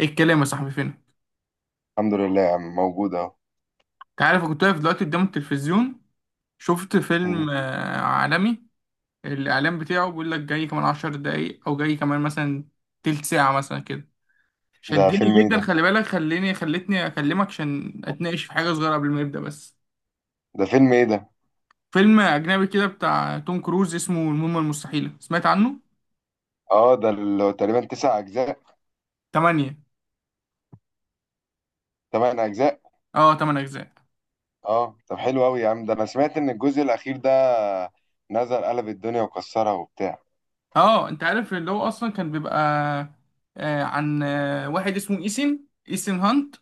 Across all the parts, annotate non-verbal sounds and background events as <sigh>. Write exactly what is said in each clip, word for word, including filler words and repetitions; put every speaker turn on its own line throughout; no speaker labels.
ايه الكلام يا صاحبي؟ فين انت؟
الحمد لله يا عم، موجود اهو.
عارف أنا كنت واقف دلوقتي قدام التلفزيون. شفت
مم.
فيلم آه، عالمي. الاعلان بتاعه بيقول لك جاي كمان عشر دقايق او جاي كمان مثلا تلت ساعة مثلا كده.
ده
شدني
فيلم ايه
جدا.
ده؟
خلي بالك، خليني خلتني اكلمك عشان اتناقش في حاجة صغيرة قبل ما يبدأ بس.
ده فيلم ايه ده
فيلم اجنبي كده بتاع توم كروز، اسمه المهمة المستحيلة. سمعت عنه؟
اه، ده اللي هو تقريبا تسع اجزاء.
تمانية.
تمن اجزاء.
اه، تمن اجزاء.
اه، طب حلو قوي يا عم، ده انا سمعت ان الجزء الاخير ده نزل قلب الدنيا وكسرها وبتاع.
اه انت عارف اللي هو اصلا كان بيبقى آه، عن آه، واحد اسمه ايسن ايسن هانت.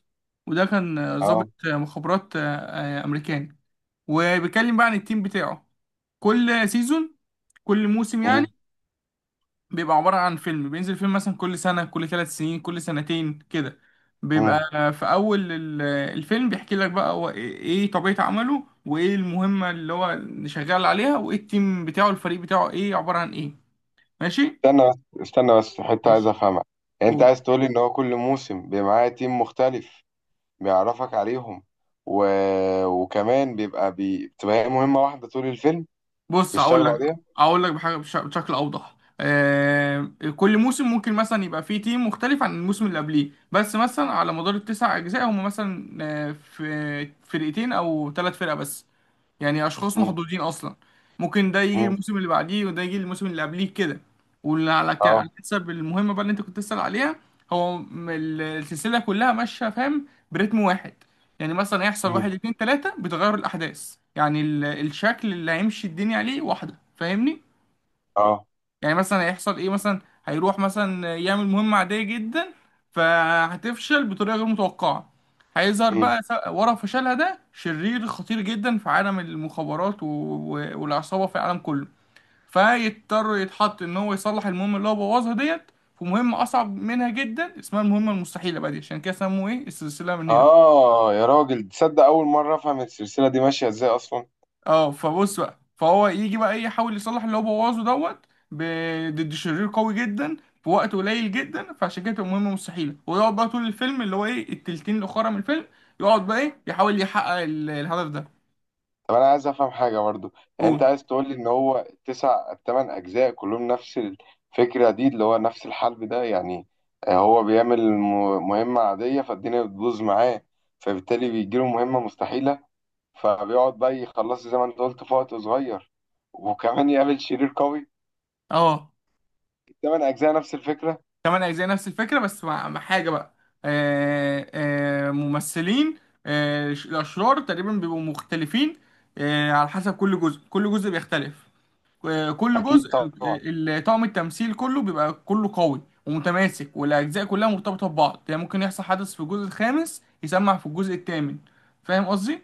وده كان آه،
اه.
ضابط آه، مخابرات آه، آه، امريكاني. وبيتكلم بقى عن التيم بتاعه كل سيزون، كل موسم يعني.
مم.
بيبقى عبارة عن فيلم، بينزل فيلم مثلا كل سنة، كل ثلاث سنين، كل سنتين كده.
مم.
بيبقى آه، في أول ال- آه، الفيلم بيحكي لك بقى هو إيه، إيه طبيعة عمله، وإيه المهمة اللي هو اللي شغال عليها، وإيه التيم بتاعه، الفريق بتاعه إيه، عبارة عن إيه. ماشي؟
استنى بس استنى بس، حتة عايز
ماشي.
افهمها. يعني انت
قول.
عايز تقولي ان هو كل موسم بيبقى معاه تيم مختلف، بيعرفك عليهم، و... وكمان بيبقى بي... بتبقى هي مهمة واحدة طول الفيلم
بص هقول
بيشتغلوا
لك،
عليها.
هقول لك بحاجه بش- بشكل اوضح. آه كل موسم ممكن مثلا يبقى فيه تيم مختلف عن الموسم اللي قبليه، بس مثلا على مدار التسع اجزاء هم مثلا آه، في فرقتين او ثلاث فرق بس. يعني اشخاص
مم.
محظوظين اصلا. ممكن ده يجي
مم.
الموسم اللي بعديه وده يجي الموسم اللي قبليه كده. واللي على ك- على
اه.
حسب المهمه بقى اللي انت كنت تسأل عليها. هو م- ال- السلسله كلها ماشيه، فاهم؟ برتم واحد. يعني مثلا هيحصل
مم.
واحد اتنين تلاته بتغير الاحداث، يعني ال- الشكل اللي هيمشي الدنيا عليه واحده، فاهمني؟
اه.
يعني مثلا هيحصل ايه، مثلا هيروح مثلا يعمل مهمة عادية جدا، فهتفشل بطريقة غير متوقعة. هيظهر
مم.
بقى س- ورا فشلها ده شرير خطير جدا في عالم المخابرات و- و- والعصابة في العالم كله. فيضطر يتحط ان هو يصلح المهمة اللي هو بوظها ديت في مهمة اصعب منها جدا اسمها المهمة المستحيلة بقى دي، عشان كده سموه ايه، السلسلة من هنا.
آه يا راجل، تصدق أول مرة أفهم السلسلة دي ماشية إزاي أصلا.
اه فبص بقى، فهو يجي بقى إيه، يحاول يصلح اللي هو بوظه دوت ب- ضد شرير قوي جدا في وقت قليل جدا، فعشان كده تبقى مهمة مستحيلة. ويقعد بقى طول الفيلم اللي هو ايه، التلتين الأخرى من الفيلم، يقعد بقى ايه يحاول يحقق ال- الهدف ده.
طب أنا عايز أفهم حاجة برضو. يعني أنت
قول.
عايز تقول لي إن هو التسع التمن أجزاء كلهم نفس الفكرة دي، اللي هو نفس الحلب ده يعني. آه، هو بيعمل م- مهمة عادية فالدنيا بتبوظ معاه، فبالتالي بيجيله مهمة مستحيلة، فبيقعد بقى يخلصها زي ما أنت قلت في وقت صغير، وكمان يقابل شرير قوي.
اه،
التمن أجزاء نفس الفكرة.
كمان أجزاء نفس الفكرة بس مع مع حاجة بقى. آه آه ممثلين. آه ش- الأشرار تقريبا بيبقوا مختلفين آه على حسب كل جزء، كل جزء بيختلف. آه، كل
أكيد
جزء
طبعا.
ال- ال- طاقم التمثيل كله بيبقى كله قوي ومتماسك، والاجزاء كلها مرتبطه ببعض. يعني ممكن يحصل حدث في الجزء الخامس يسمع في الجزء الثامن، فاهم قصدي؟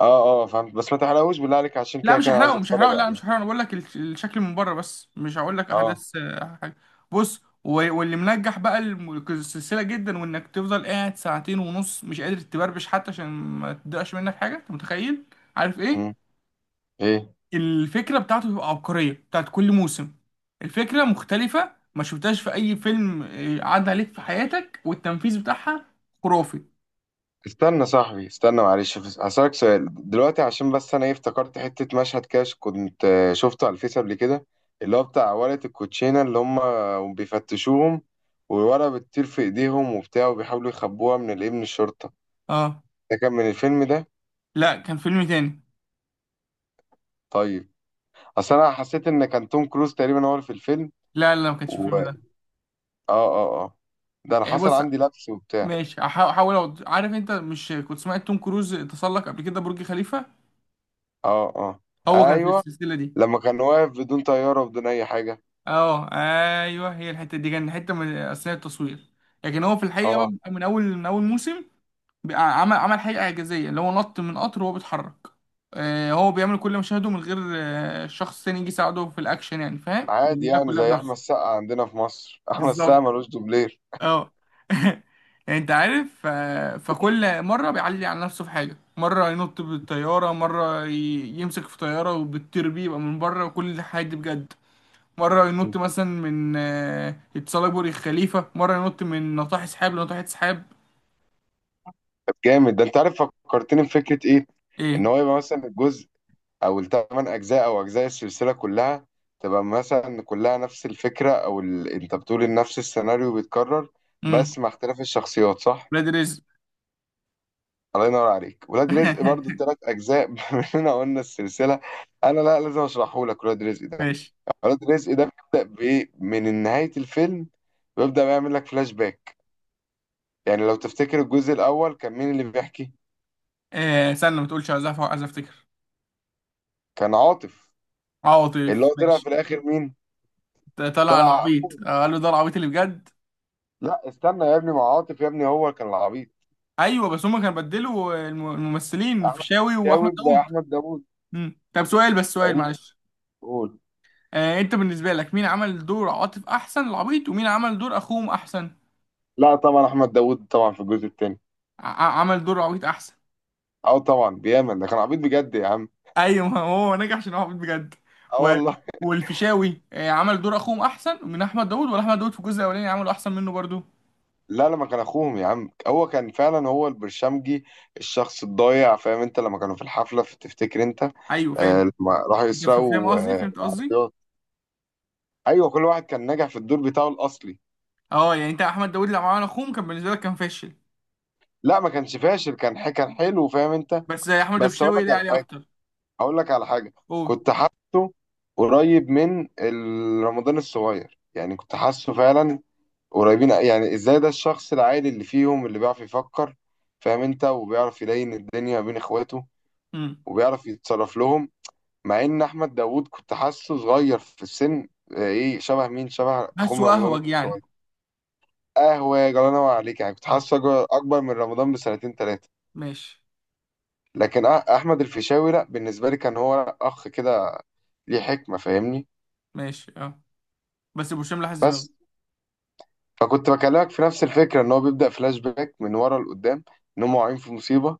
اه اه، فهمت، بس ما تحرقوش بالله عليك، عشان
لا
كده
مش
كان عايز
هحرقه مش
اتفرج
هحرقه لا
عليه.
مش هحرقه، انا بقول لك الش- الشكل من بره بس، مش هقول لك
اه.
احداث آه، حاجه. بص، و- واللي منجح بقى الم- السلسله جدا وانك تفضل قاعد ساعتين ونص مش قادر تبربش حتى عشان ما تضيعش منك حاجه، انت متخيل؟ عارف
مم.
ايه؟
ايه.
الفكرة بتاعته بتبقى عبقرية بتاعت كل موسم. الفكرة مختلفة، ما شفتهاش في أي فيلم آه، عدى عليك في حياتك، والتنفيذ بتاعها خرافي.
استنى صاحبي، استنى معلش، بس هسألك سؤال دلوقتي، عشان بس انا ايه افتكرت حتة مشهد كده كنت آه، شفته على الفيس قبل كده. اللي هو بتاع ورقة الكوتشينة اللي هم بيفتشوهم، والورقة بتطير في ايديهم وبتاع، وبيحاولوا يخبوها من الايه، من الشرطة.
اه،
ده كان من الفيلم ده؟
لا كان فيلم تاني.
طيب. اصل انا حسيت ان كان توم كروز تقريبا هو اللي في الفيلم.
لا لا، ما كانش
و
الفيلم
اه
ده.
اه اه. ده انا
يعني
حصل
بص،
عندي لبس وبتاع.
ماشي هحا- هحاول أحاول أوضح. عارف انت مش كنت سمعت توم كروز تسلق قبل كده برج خليفة؟
اه اه.
هو كان في
ايوه،
السلسلة دي.
لما كان واقف بدون طيارة وبدون اي حاجة.
اه. ايوه، هي الحتة دي كان حتة من أثناء التصوير، لكن هو في الحقيقة
اه.
بقى من أول من أول موسم بقى عمل عمل حاجة إعجازية اللي هو نط من قطر وهو بيتحرك. آه، هو بيعمل كل مشاهده من غير آه، شخص تاني يجي يساعده في الأكشن يعني، فاهم؟
عادي
بيعملها
يعني،
كلها
زي احمد
بنفسه.
السقا عندنا في مصر <laughs> احمد السقا
بالظبط.
ملوش دوبلير.
اه. <laughs> يعني انت عارف، آه، فكل مرة بيعلي على نفسه في حاجة. مرة ينط بالطيارة، مرة ي- يمسك في طيارة وبتطير بيه يبقى من بره، وكل الحاجات دي بجد. مرة ينط مثلا من آه، يتسلق برج الخليفة، مرة ينط من ناطحة سحاب لناطحة سحاب.
طب جامد، ده انت عارف فكرتني بفكره ايه. ان
ايه.
هو يبقى مثلا الجزء، او الثمان اجزاء او اجزاء السلسله كلها تبقى مثلا كلها نفس الفكره، او ال... انت بتقول ان نفس السيناريو بيتكرر
امم.
بس مع اختلاف الشخصيات، صح؟
ولاد رزق.
الله ينور عليك، ولاد رزق برضو الثلاث
<laughs>
اجزاء <laughs> مننا قلنا السلسله، انا لا لازم اشرحه لك ولاد رزق ده.
ماشي.
ولاد رزق ده بيبدا بايه؟ من نهايه الفيلم، بيبدا بيعمل لك فلاش باك. يعني لو تفتكر، الجزء الأول كان مين اللي بيحكي؟
آه استنى، ما تقولش، عايز أف- عايز افتكر.
كان عاطف.
اه
اللي
لطيف،
هو طلع في
ماشي.
الآخر مين؟
ط- طلع
طلع
العبيط،
أخوه.
آه، قال له ده العبيط اللي بجد.
لا استنى يا ابني، مع عاطف يا ابني، هو كان العبيط.
ايوه، بس هما كانوا بدلوا الم- الممثلين،
أحمد.
الفيشاوي واحمد
جاوب
داوود.
أحمد داوود.
مم. طب سؤال بس، سؤال
يعني.
معلش.
قول.
آه انت بالنسبه لك مين عمل دور عاطف احسن، العبيط، ومين عمل دور اخوهم احسن؟
لا طبعا، أحمد داوود طبعا، في الجزء التاني.
ع- ع- عمل دور عبيط احسن.
أو طبعا بيامن ده كان عبيط بجد يا عم.
ايوه، ما هو نجح عشان هو عبيط بجد.
اه
و...
والله.
والفيشاوي آه عمل دور اخوهم احسن من احمد داوود، ولا احمد داوود في الجزء الاولاني عمله احسن منه برضو؟
لا، لما كان اخوهم يا عم، هو كان فعلا هو البرشمجي، الشخص الضايع. فاهم انت، لما كانوا في الحفله، في تفتكر انت؟
ايوه
آه،
فاهم،
لما راحوا
انت فاهم
يسرقوا
قصدي
آه
فهمت قصدي.
العربيات. ايوه، كل واحد كان ناجح في الدور بتاعه الاصلي.
اه، يعني انت احمد داوود لما عمل اخوهم كان بالنسبه لك كان فاشل؟
لا، ما كانش فاشل، كان ح- كان حلو، فاهم انت.
بس احمد
بس اقول
الفيشاوي
لك
ده
على
عليه
حاجه.
اكتر.
اقول لك على حاجه.
قول.
كنت حاسه قريب من ال- رمضان الصغير، يعني كنت حاسه فعلا قريبين. يعني ازاي؟ ده الشخص العادي اللي فيهم اللي بيعرف يفكر، فاهم انت، وبيعرف يلين الدنيا بين اخواته،
امم.
وبيعرف يتصرف لهم. مع ان احمد داوود كنت حاسه صغير في السن، اه، ايه، شبه مين؟ شبه اخوه
بس
رمضان
واهوج يعني.
الصغير. قهوه يا جلاله عليك، يعني كنت
اه.
حاسه اكبر، أكبر من رمضان بسنتين ثلاثه.
ماشي.
لكن أ- احمد الفيشاوي لا، بالنسبه لي كان هو اخ كده، ليه حكمه، فاهمني.
ماشي اه. بس ابو هشام لحس دماغه.
بس، فكنت بكلمك في نفس الفكره، ان هو بيبدا فلاش باك من ورا لقدام، ان هم واقعين في مصيبه،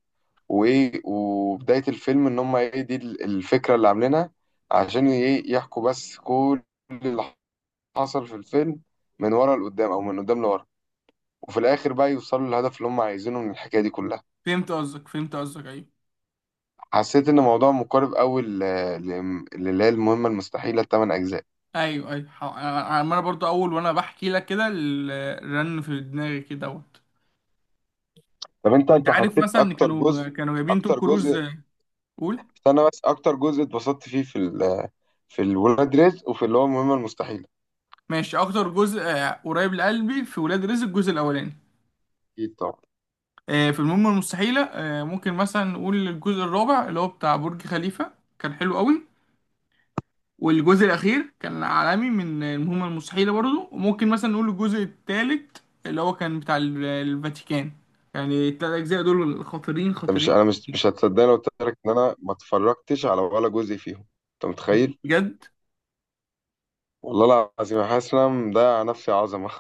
وايه، وبدايه الفيلم ان هم ايه، دي ال- الفكره اللي عاملينها، عشان ايه يحكوا بس كل اللي حصل في الفيلم من ورا لقدام او من قدام لورا، وفي الاخر بقى يوصلوا للهدف اللي هم عايزينه من الحكايه دي كلها.
فهمت قصدك، فهمت قصدك ايوه،
حسيت ان الموضوع مقارب قوي للي هي المهمه المستحيله الثمان اجزاء.
ايوه ايوه. ح- انا أنا برضو اول وانا بحكي لك كده ال- الرن في دماغي كده دوت.
طب انت،
طب انت
انت
عارف
حسيت
مثلا إن
اكتر
كانوا
جزء،
كانوا جايبين توم
اكتر
كروز
جزء،
آه، قول.
استنى بس، اكتر جزء اتبسطت فيه في ال... في الولاد رزق وفي اللي هو المهمه المستحيله؟
ماشي، اكتر جزء آه، قريب لقلبي في ولاد رزق الجزء الاولاني.
اكيد طبعا.
آه، في المهمة المستحيلة آه، ممكن مثلا نقول الجزء الرابع اللي هو بتاع برج خليفة، كان حلو قوي. والجزء الأخير كان عالمي من المهمة المستحيلة برضو. وممكن مثلا نقول الجزء الثالث اللي هو كان بتاع ال- الفاتيكان. يعني التلات أجزاء دول خطيرين،
انت مش،
خطيرين
انا مش
خطيرين.
مش هتصدقني لو قلت لك ان انا ما اتفرجتش على ولا جزء فيهم. انت متخيل؟
بجد.
والله العظيم أنا حاسس ان انا مضيع نفسي عظمه.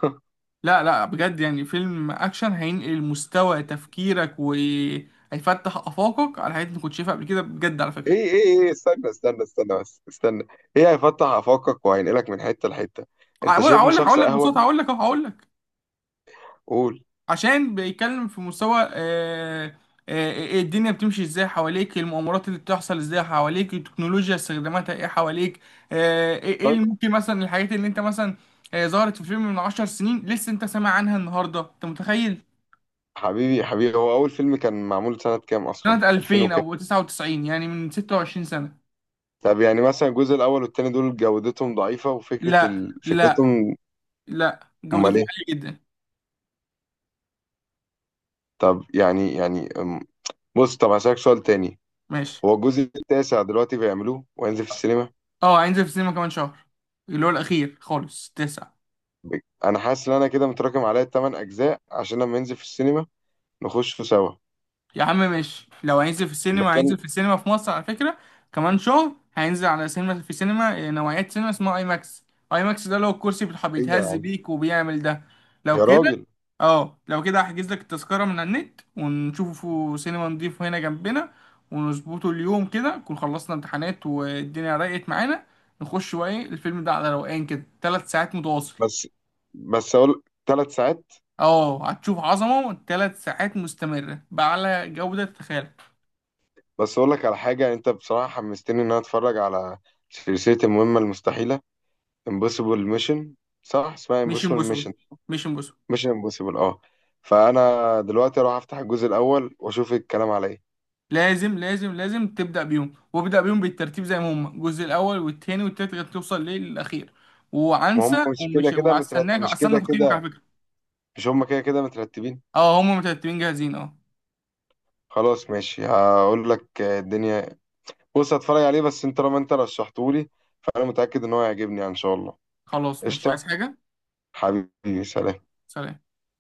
لا لا، بجد يعني فيلم أكشن هينقل مستوى تفكيرك وهيفتح آفاقك على حاجات ما كنتش شايفها قبل كده بجد، على
<laughs>
فكرة.
ايه ايه ايه، استنى استنى استنى بس، استنى. ايه هيفتح افاقك وهينقلك من حته لحته؟ انت
هقول
شايفني
هقول لك
شخص
هقول لك
اهوج؟
ببساطة، هقول لك أهو هقول لك.
قول.
عشان بيتكلم في مستوى آه، آه، إيه الدنيا بتمشي ازاي حواليك، المؤامرات اللي بتحصل ازاي حواليك، التكنولوجيا استخداماتها ايه حواليك. آه، ايه، إيه
طيب.
اللي ممكن مثلا الحاجات اللي انت مثلا آه، ظهرت في فيلم من عشر سنين لسه انت سامع عنها النهارده، انت متخيل؟
حبيبي حبيبي، هو اول فيلم كان معمول سنه كام اصلا؟
سنة
ألفين؟
ألفين او تسعة وتسعين، يعني من ستة وعشرين سنة.
طب يعني مثلا الجزء الأول والتاني دول جودتهم ضعيفة وفكرة
لا
ال...
لا،
فكرتهم.
لا
أمال
جودته
إيه؟
عالية جدا.
طب يعني، يعني أم، بص، طب هسألك سؤال تاني.
ماشي.
هو الجزء التاسع دلوقتي بيعملوه وينزل في السينما؟
اه، هينزل في السينما كمان شهر، اللي هو الاخير خالص، تسعة.
ب- أنا حاسس إن أنا كده متراكم عليا التمن أجزاء، عشان لما ينزل في السينما نخشه سوا.
يا عم ماشي، لو هينزل في السينما
بتكلم.
هينزل في السينما في مصر على فكرة، كمان شهر، هينزل على سينما، في سينما آه، نوعية سينما اسمها اي ماكس. اي ماكس ده لو الكرسي بتح-
أيوه يا
بيتهز
عم.
بيك وبيعمل ده. لو
يا
كده،
راجل.
اه، لو كده هحجز لك التذكرة من على النت ونشوفه سينما نضيفه هنا جنبنا ونظبطه اليوم كده، نكون خلصنا امتحانات والدنيا رقت معانا، نخش بقى ايه الفيلم ده على روقان كده، ثلاث ساعات متواصل.
بس، بس أقول ثلاث ساعات؟
اه هتشوف عظمة، ثلاث ساعات مستمرة بأعلى جودة، تتخيل؟
بس أقول لك على حاجة، أنت بصراحة حمستني إن أنا أتفرج على سلسلة المهمة المستحيلة. Impossible Mission. صح اسمها
مش
Impossible Mission؟
امبوسول، مش امبوسول.
مش امبوسيبل. اه، فانا دلوقتي اروح افتح الجزء الاول واشوف الكلام على ايه.
لازم لازم لازم تبدأ بيهم، وابدأ بيهم بالترتيب زي ما هم، الجزء الأول والتاني والتالت لغاية توصل ليه للأخير.
ما هم
وعنسى
مش كده
ومش
كده مترت...
وهستناك،
مش
هستنى
كده
تقييمك على
كده،
فكرة.
مش هم كده كده مترتبين؟
اه هم مترتبين جاهزين. اه.
خلاص ماشي، هقول لك آه، الدنيا. بص هتفرج عليه، بس انت طالما انت رشحتهولي، فانا متاكد ان هو هيعجبني يعني، ان شاء الله.
خلاص مش
قشطه.
عايز حاجة.
حبيبي، سلام.
سلام.